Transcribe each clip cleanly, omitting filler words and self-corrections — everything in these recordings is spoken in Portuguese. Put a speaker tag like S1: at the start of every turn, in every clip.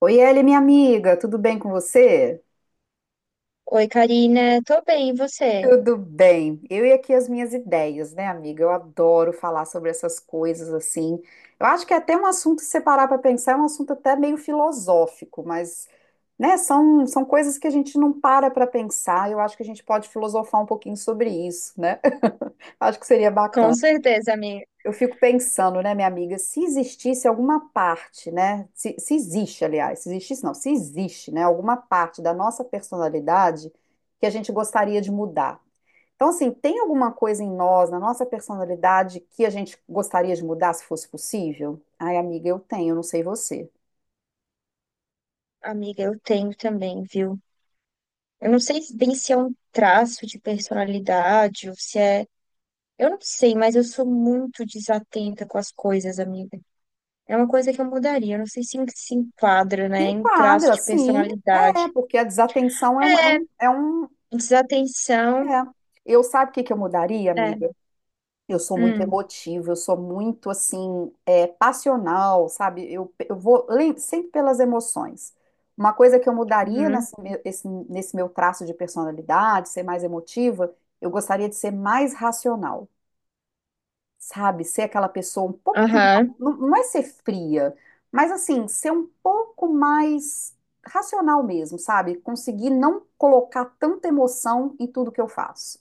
S1: Oi, Eli, minha amiga, tudo bem com você?
S2: Oi, Karina, tô bem, e você?
S1: Tudo bem. Eu e aqui as minhas ideias, né, amiga? Eu adoro falar sobre essas coisas assim. Eu acho que é até um assunto, se separar para pensar, é um assunto até meio filosófico, mas, né, são coisas que a gente não para para pensar. Eu acho que a gente pode filosofar um pouquinho sobre isso, né? Acho que seria
S2: Com
S1: bacana.
S2: certeza,
S1: Eu fico pensando, né, minha amiga, se existisse alguma parte, né? Se existe, aliás, se existisse, não, se existe, né, alguma parte da nossa personalidade que a gente gostaria de mudar. Então, assim, tem alguma coisa em nós, na nossa personalidade, que a gente gostaria de mudar se fosse possível? Ai, amiga, eu tenho, não sei você.
S2: amiga, eu tenho também, viu? Eu não sei bem se é um traço de personalidade ou se é. Eu não sei, mas eu sou muito desatenta com as coisas, amiga. É uma coisa que eu mudaria. Eu não sei se se enquadra,
S1: Se
S2: né, em traço
S1: enquadra,
S2: de
S1: sim, é,
S2: personalidade.
S1: porque a desatenção é um, é
S2: É,
S1: um, é um-
S2: desatenção.
S1: é. Eu sabe o que que eu mudaria,
S2: É.
S1: amiga? Eu sou muito
S2: Hum,
S1: emotiva, eu sou muito assim, é, passional, sabe? Eu sempre pelas emoções. Uma coisa que eu mudaria
S2: uhum,
S1: nesse meu traço de personalidade, ser mais emotiva, eu gostaria de ser mais racional sabe? Ser aquela pessoa um pouco,
S2: aham,
S1: não é ser fria, mas assim, ser um pouco mais racional mesmo, sabe? Conseguir não colocar tanta emoção em tudo que eu faço.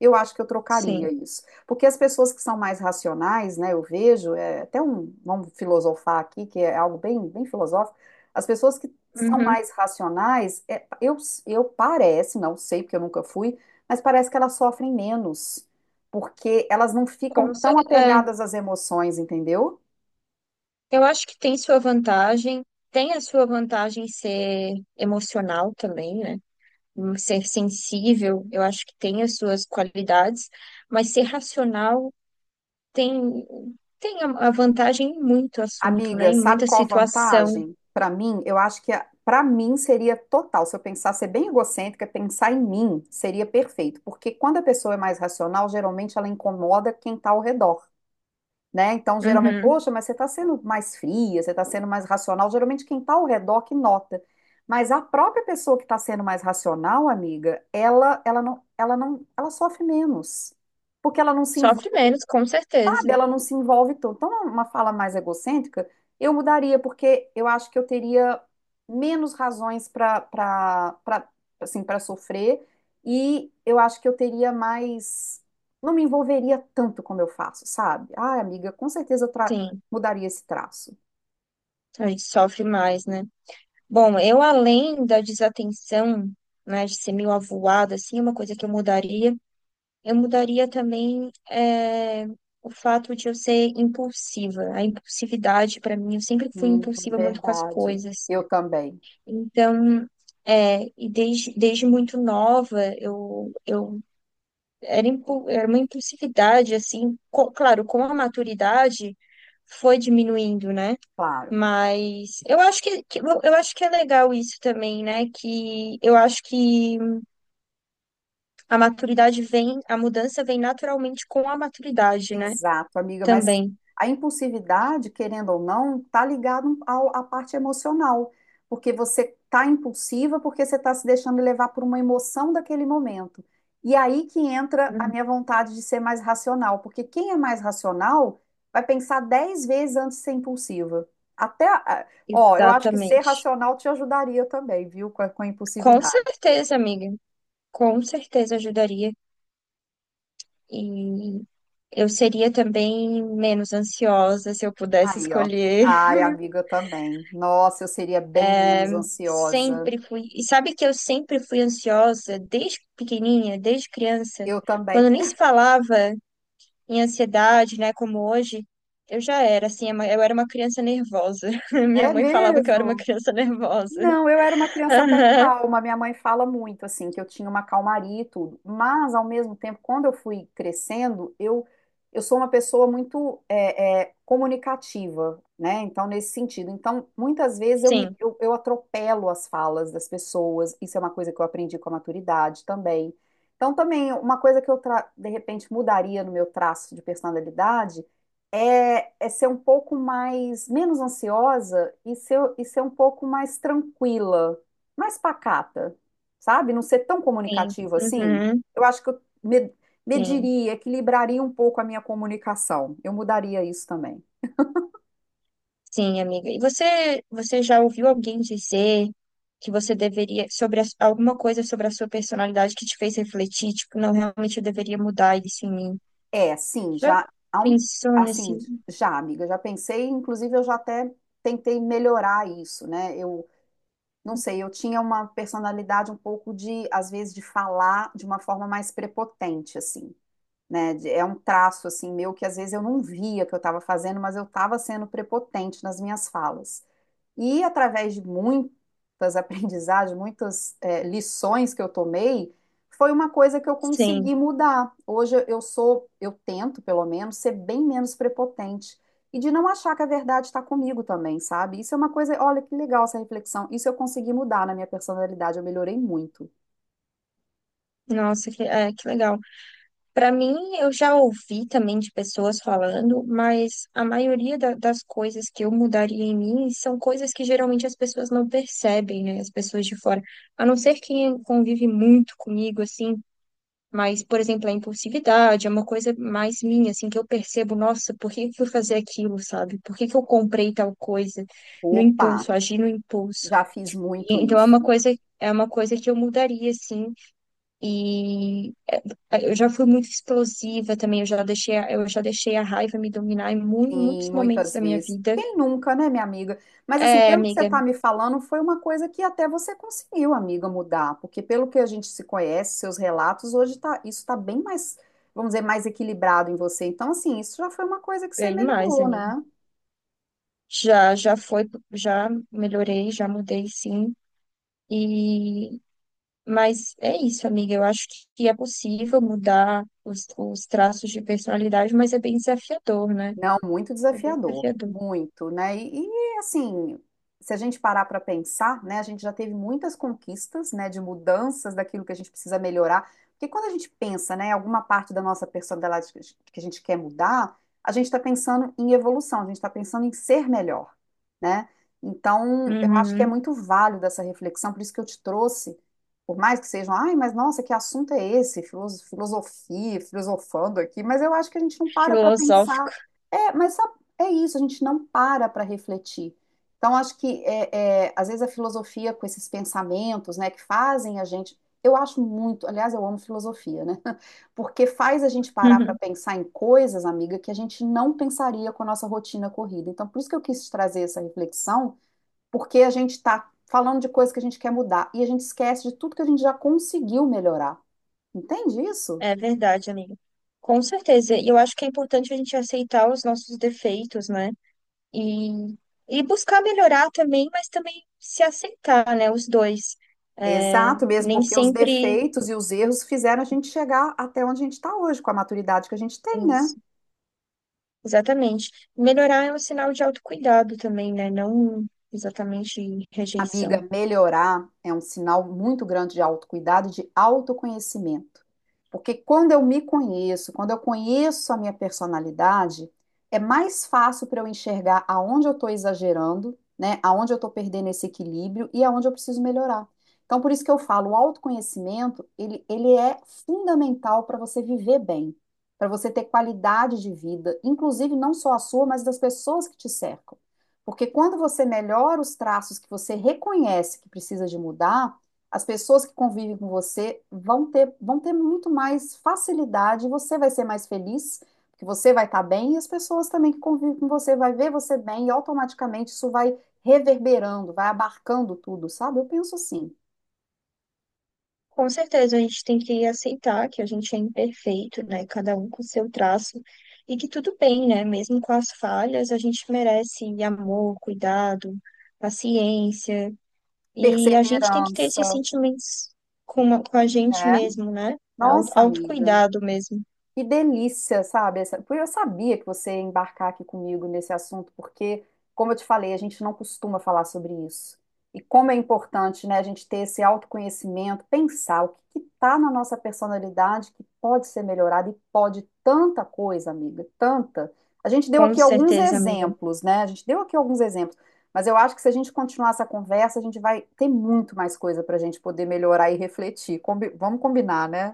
S1: Eu acho que eu trocaria
S2: sim.
S1: isso. Porque as pessoas que são mais racionais, né, eu vejo, é até um, vamos filosofar aqui, que é algo bem, bem filosófico, as pessoas que são
S2: Uhum,
S1: mais racionais, é, eu parece, não sei porque eu nunca fui, mas parece que elas sofrem menos porque elas não ficam
S2: com
S1: tão
S2: certeza. É.
S1: apegadas às emoções, entendeu?
S2: Eu acho que tem sua vantagem, tem a sua vantagem ser emocional também, né? Ser sensível, eu acho que tem as suas qualidades, mas ser racional tem, tem a vantagem em muito assunto, né?
S1: Amiga,
S2: Em
S1: sabe
S2: muita
S1: qual a
S2: situação.
S1: vantagem? Para mim, eu acho que para mim seria total. Se eu pensar ser bem egocêntrica, pensar em mim seria perfeito, porque quando a pessoa é mais racional, geralmente ela incomoda quem está ao redor, né? Então, geralmente,
S2: Uhum.
S1: poxa, mas você está sendo mais fria, você está sendo mais racional. Geralmente, quem está ao redor que nota. Mas a própria pessoa que está sendo mais racional, amiga, ela não, ela não, ela sofre menos, porque ela não se
S2: Sofre
S1: envolve
S2: menos, com certeza.
S1: sabe? Ela não se envolve tanto. Então, uma fala mais egocêntrica, eu mudaria, porque eu acho que eu teria menos razões para assim, para sofrer e eu acho que eu teria mais não me envolveria tanto como eu faço, sabe? Ah, amiga, com certeza
S2: Sim,
S1: mudaria esse traço.
S2: a gente sofre mais, né? Bom, eu além da desatenção, né, de ser meio avoada, assim, é uma coisa que eu mudaria. Eu mudaria também o fato de eu ser impulsiva. A impulsividade, para mim, eu sempre fui impulsiva muito com as
S1: Verdade.
S2: coisas.
S1: Eu também,
S2: Então, é, e desde muito nova, eu era, era uma impulsividade, assim, claro, com a maturidade foi diminuindo, né?
S1: claro.
S2: Mas eu acho que, eu acho que é legal isso também, né? Que eu acho que a maturidade vem, a mudança vem naturalmente com a maturidade, né?
S1: Exato, amiga, mas
S2: Também.
S1: a impulsividade, querendo ou não, está ligada ao- à parte emocional, porque você está impulsiva porque você está se deixando levar por uma emoção daquele momento. E aí que entra a
S2: Uhum.
S1: minha vontade de ser mais racional, porque quem é mais racional vai pensar 10 vezes antes de ser impulsiva. Até, ah, ó, eu acho que ser
S2: Exatamente.
S1: racional te ajudaria também, viu, com a
S2: Com
S1: impulsividade.
S2: certeza, amiga. Com certeza ajudaria. E eu seria também menos ansiosa se eu pudesse
S1: Aí, ó.
S2: escolher.
S1: Ai, amiga, eu também. Nossa, eu seria bem menos ansiosa.
S2: Sempre fui. E sabe que eu sempre fui ansiosa desde pequenininha, desde criança.
S1: Eu também.
S2: Quando nem se falava em ansiedade, né, como hoje, eu já era assim, eu era uma criança nervosa. Minha
S1: É
S2: mãe falava que eu era uma
S1: mesmo?
S2: criança nervosa.
S1: Não, eu era uma criança até
S2: Aham.
S1: calma. Minha mãe fala muito assim que eu tinha uma calmaria e tudo. Mas ao mesmo tempo, quando eu fui crescendo, eu sou uma pessoa muito é, é, comunicativa, né? Então nesse sentido, então muitas vezes eu me
S2: Sim,
S1: eu, eu atropelo as falas das pessoas. Isso é uma coisa que eu aprendi com a maturidade também. Então também uma coisa que de repente mudaria no meu traço de personalidade é, é ser um pouco mais, menos ansiosa e ser um pouco mais tranquila, mais pacata, sabe? Não ser tão
S2: sim.
S1: comunicativa assim.
S2: Uhum.
S1: Eu acho que
S2: Sim.
S1: mediria, equilibraria um pouco a minha comunicação. Eu mudaria isso também.
S2: Sim, amiga. E você já ouviu alguém dizer que você deveria, sobre alguma coisa sobre a sua personalidade que te fez refletir, tipo, não, realmente eu deveria mudar isso em mim?
S1: É, sim,
S2: Já
S1: já há um,
S2: pensou nesse?
S1: assim, já, amiga, já pensei, inclusive eu já até tentei melhorar isso, né? Eu não sei, eu tinha uma personalidade um pouco de, às vezes, de falar de uma forma mais prepotente, assim. É um traço assim meu que às vezes eu não via que eu estava fazendo, mas eu estava sendo prepotente nas minhas falas. E através de muitas aprendizagens, muitas lições que eu tomei, foi uma coisa que eu
S2: Sim.
S1: consegui mudar. Hoje eu sou, eu tento pelo menos ser bem menos prepotente e de não achar que a verdade está comigo também, sabe? Isso é uma coisa, olha que legal essa reflexão. Isso eu consegui mudar na minha personalidade, eu melhorei muito.
S2: Nossa, que legal. Para mim, eu já ouvi também de pessoas falando, mas a maioria das coisas que eu mudaria em mim são coisas que geralmente as pessoas não percebem, né? As pessoas de fora. A não ser quem convive muito comigo, assim. Mas, por exemplo, a impulsividade é uma coisa mais minha, assim, que eu percebo, nossa, por que que eu fui fazer aquilo, sabe? Por que que eu comprei tal coisa no
S1: Opa,
S2: impulso, agi no impulso?
S1: já fiz muito
S2: E então é uma
S1: isso.
S2: coisa, é uma coisa que eu mudaria, assim, e eu já fui muito explosiva também, eu já deixei a raiva me dominar em
S1: Sim,
S2: muitos momentos
S1: muitas
S2: da minha
S1: vezes.
S2: vida.
S1: Quem nunca, né, minha amiga? Mas assim,
S2: É,
S1: pelo que você
S2: amiga,
S1: está me falando, foi uma coisa que até você conseguiu, amiga, mudar, porque pelo que a gente se conhece, seus relatos, hoje tá, isso está bem mais, vamos dizer, mais equilibrado em você. Então, assim, isso já foi uma coisa que você
S2: bem mais,
S1: melhorou,
S2: amiga.
S1: né?
S2: Já, já foi, já melhorei, já mudei, sim. E Mas é isso, amiga. Eu acho que é possível mudar os traços de personalidade, mas é bem desafiador, né?
S1: Não, muito
S2: É bem
S1: desafiador,
S2: desafiador.
S1: muito, né? E, assim, se a gente parar para pensar, né, a gente já teve muitas conquistas, né, de mudanças daquilo que a gente precisa melhorar, porque quando a gente pensa, né, em alguma parte da nossa personalidade que a gente quer mudar, a gente está pensando em evolução, a gente está pensando em ser melhor, né? Então, eu acho que é
S2: Uhum.
S1: muito válido essa reflexão, por isso que eu te trouxe, por mais que sejam, ai, mas nossa, que assunto é esse? Filosofia, filosofando aqui, mas eu acho que a gente não para para pensar
S2: Filosófico.
S1: é, mas sabe, é isso, a gente não para para refletir. Então, acho que, é, é, às vezes, a filosofia com esses pensamentos, né, que fazem a gente. Eu acho muito, aliás, eu amo filosofia, né? Porque faz a gente parar para pensar em coisas, amiga, que a gente não pensaria com a nossa rotina corrida. Então, por isso que eu quis trazer essa reflexão, porque a gente está falando de coisas que a gente quer mudar e a gente esquece de tudo que a gente já conseguiu melhorar. Entende isso?
S2: É verdade, amiga. Com certeza. E eu acho que é importante a gente aceitar os nossos defeitos, né? E, e buscar melhorar também, mas também se aceitar, né? Os dois. É,
S1: Exato mesmo,
S2: nem
S1: porque os
S2: sempre.
S1: defeitos e os erros fizeram a gente chegar até onde a gente está hoje, com a maturidade que a gente tem, né?
S2: Exatamente. Melhorar é um sinal de autocuidado também, né? Não exatamente rejeição.
S1: Amiga, melhorar é um sinal muito grande de autocuidado, e de autoconhecimento. Porque quando eu me conheço, quando eu conheço a minha personalidade, é mais fácil para eu enxergar aonde eu estou exagerando, né? Aonde eu estou perdendo esse equilíbrio e aonde eu preciso melhorar. Então, por isso que eu falo, o autoconhecimento, ele é fundamental para você viver bem, para você ter qualidade de vida, inclusive não só a sua, mas das pessoas que te cercam. Porque quando você melhora os traços que você reconhece que precisa de mudar, as pessoas que convivem com você vão ter muito mais facilidade, você vai ser mais feliz, porque você vai estar bem, e as pessoas também que convivem com você vai ver você bem, e automaticamente isso vai reverberando, vai abarcando tudo, sabe? Eu penso assim.
S2: Com certeza, a gente tem que aceitar que a gente é imperfeito, né? Cada um com seu traço. E que tudo bem, né? Mesmo com as falhas, a gente merece amor, cuidado, paciência. E a gente tem que ter esses
S1: Perseverança,
S2: sentimentos com a gente
S1: né?
S2: mesmo, né?
S1: Nossa, amiga.
S2: Autocuidado mesmo.
S1: Que delícia, sabe? Essa- Porque eu sabia que você ia embarcar aqui comigo nesse assunto, porque, como eu te falei, a gente não costuma falar sobre isso. E como é importante, né, a gente ter esse autoconhecimento, pensar o que está na nossa personalidade que pode ser melhorado e pode tanta coisa, amiga, tanta. A gente deu
S2: Com
S1: aqui alguns
S2: certeza, amiga.
S1: exemplos, né? A gente deu aqui alguns exemplos, mas eu acho que se a gente continuar essa conversa, a gente vai ter muito mais coisa para a gente poder melhorar e refletir. Vamos combinar, né?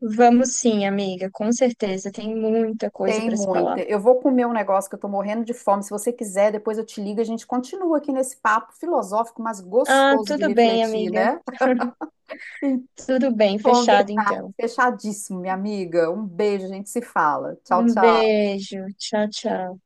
S2: Vamos sim, amiga, com certeza. Tem muita coisa
S1: Tem
S2: para se falar.
S1: muita. Eu vou comer um negócio que eu tô morrendo de fome. Se você quiser, depois eu te ligo e a gente continua aqui nesse papo filosófico, mas
S2: Ah,
S1: gostoso de
S2: tudo bem,
S1: refletir,
S2: amiga.
S1: né?
S2: Tudo bem, fechado
S1: Combinado,
S2: então.
S1: fechadíssimo, minha amiga. Um beijo, a gente se fala. Tchau,
S2: Um
S1: tchau.
S2: beijo. Tchau, tchau.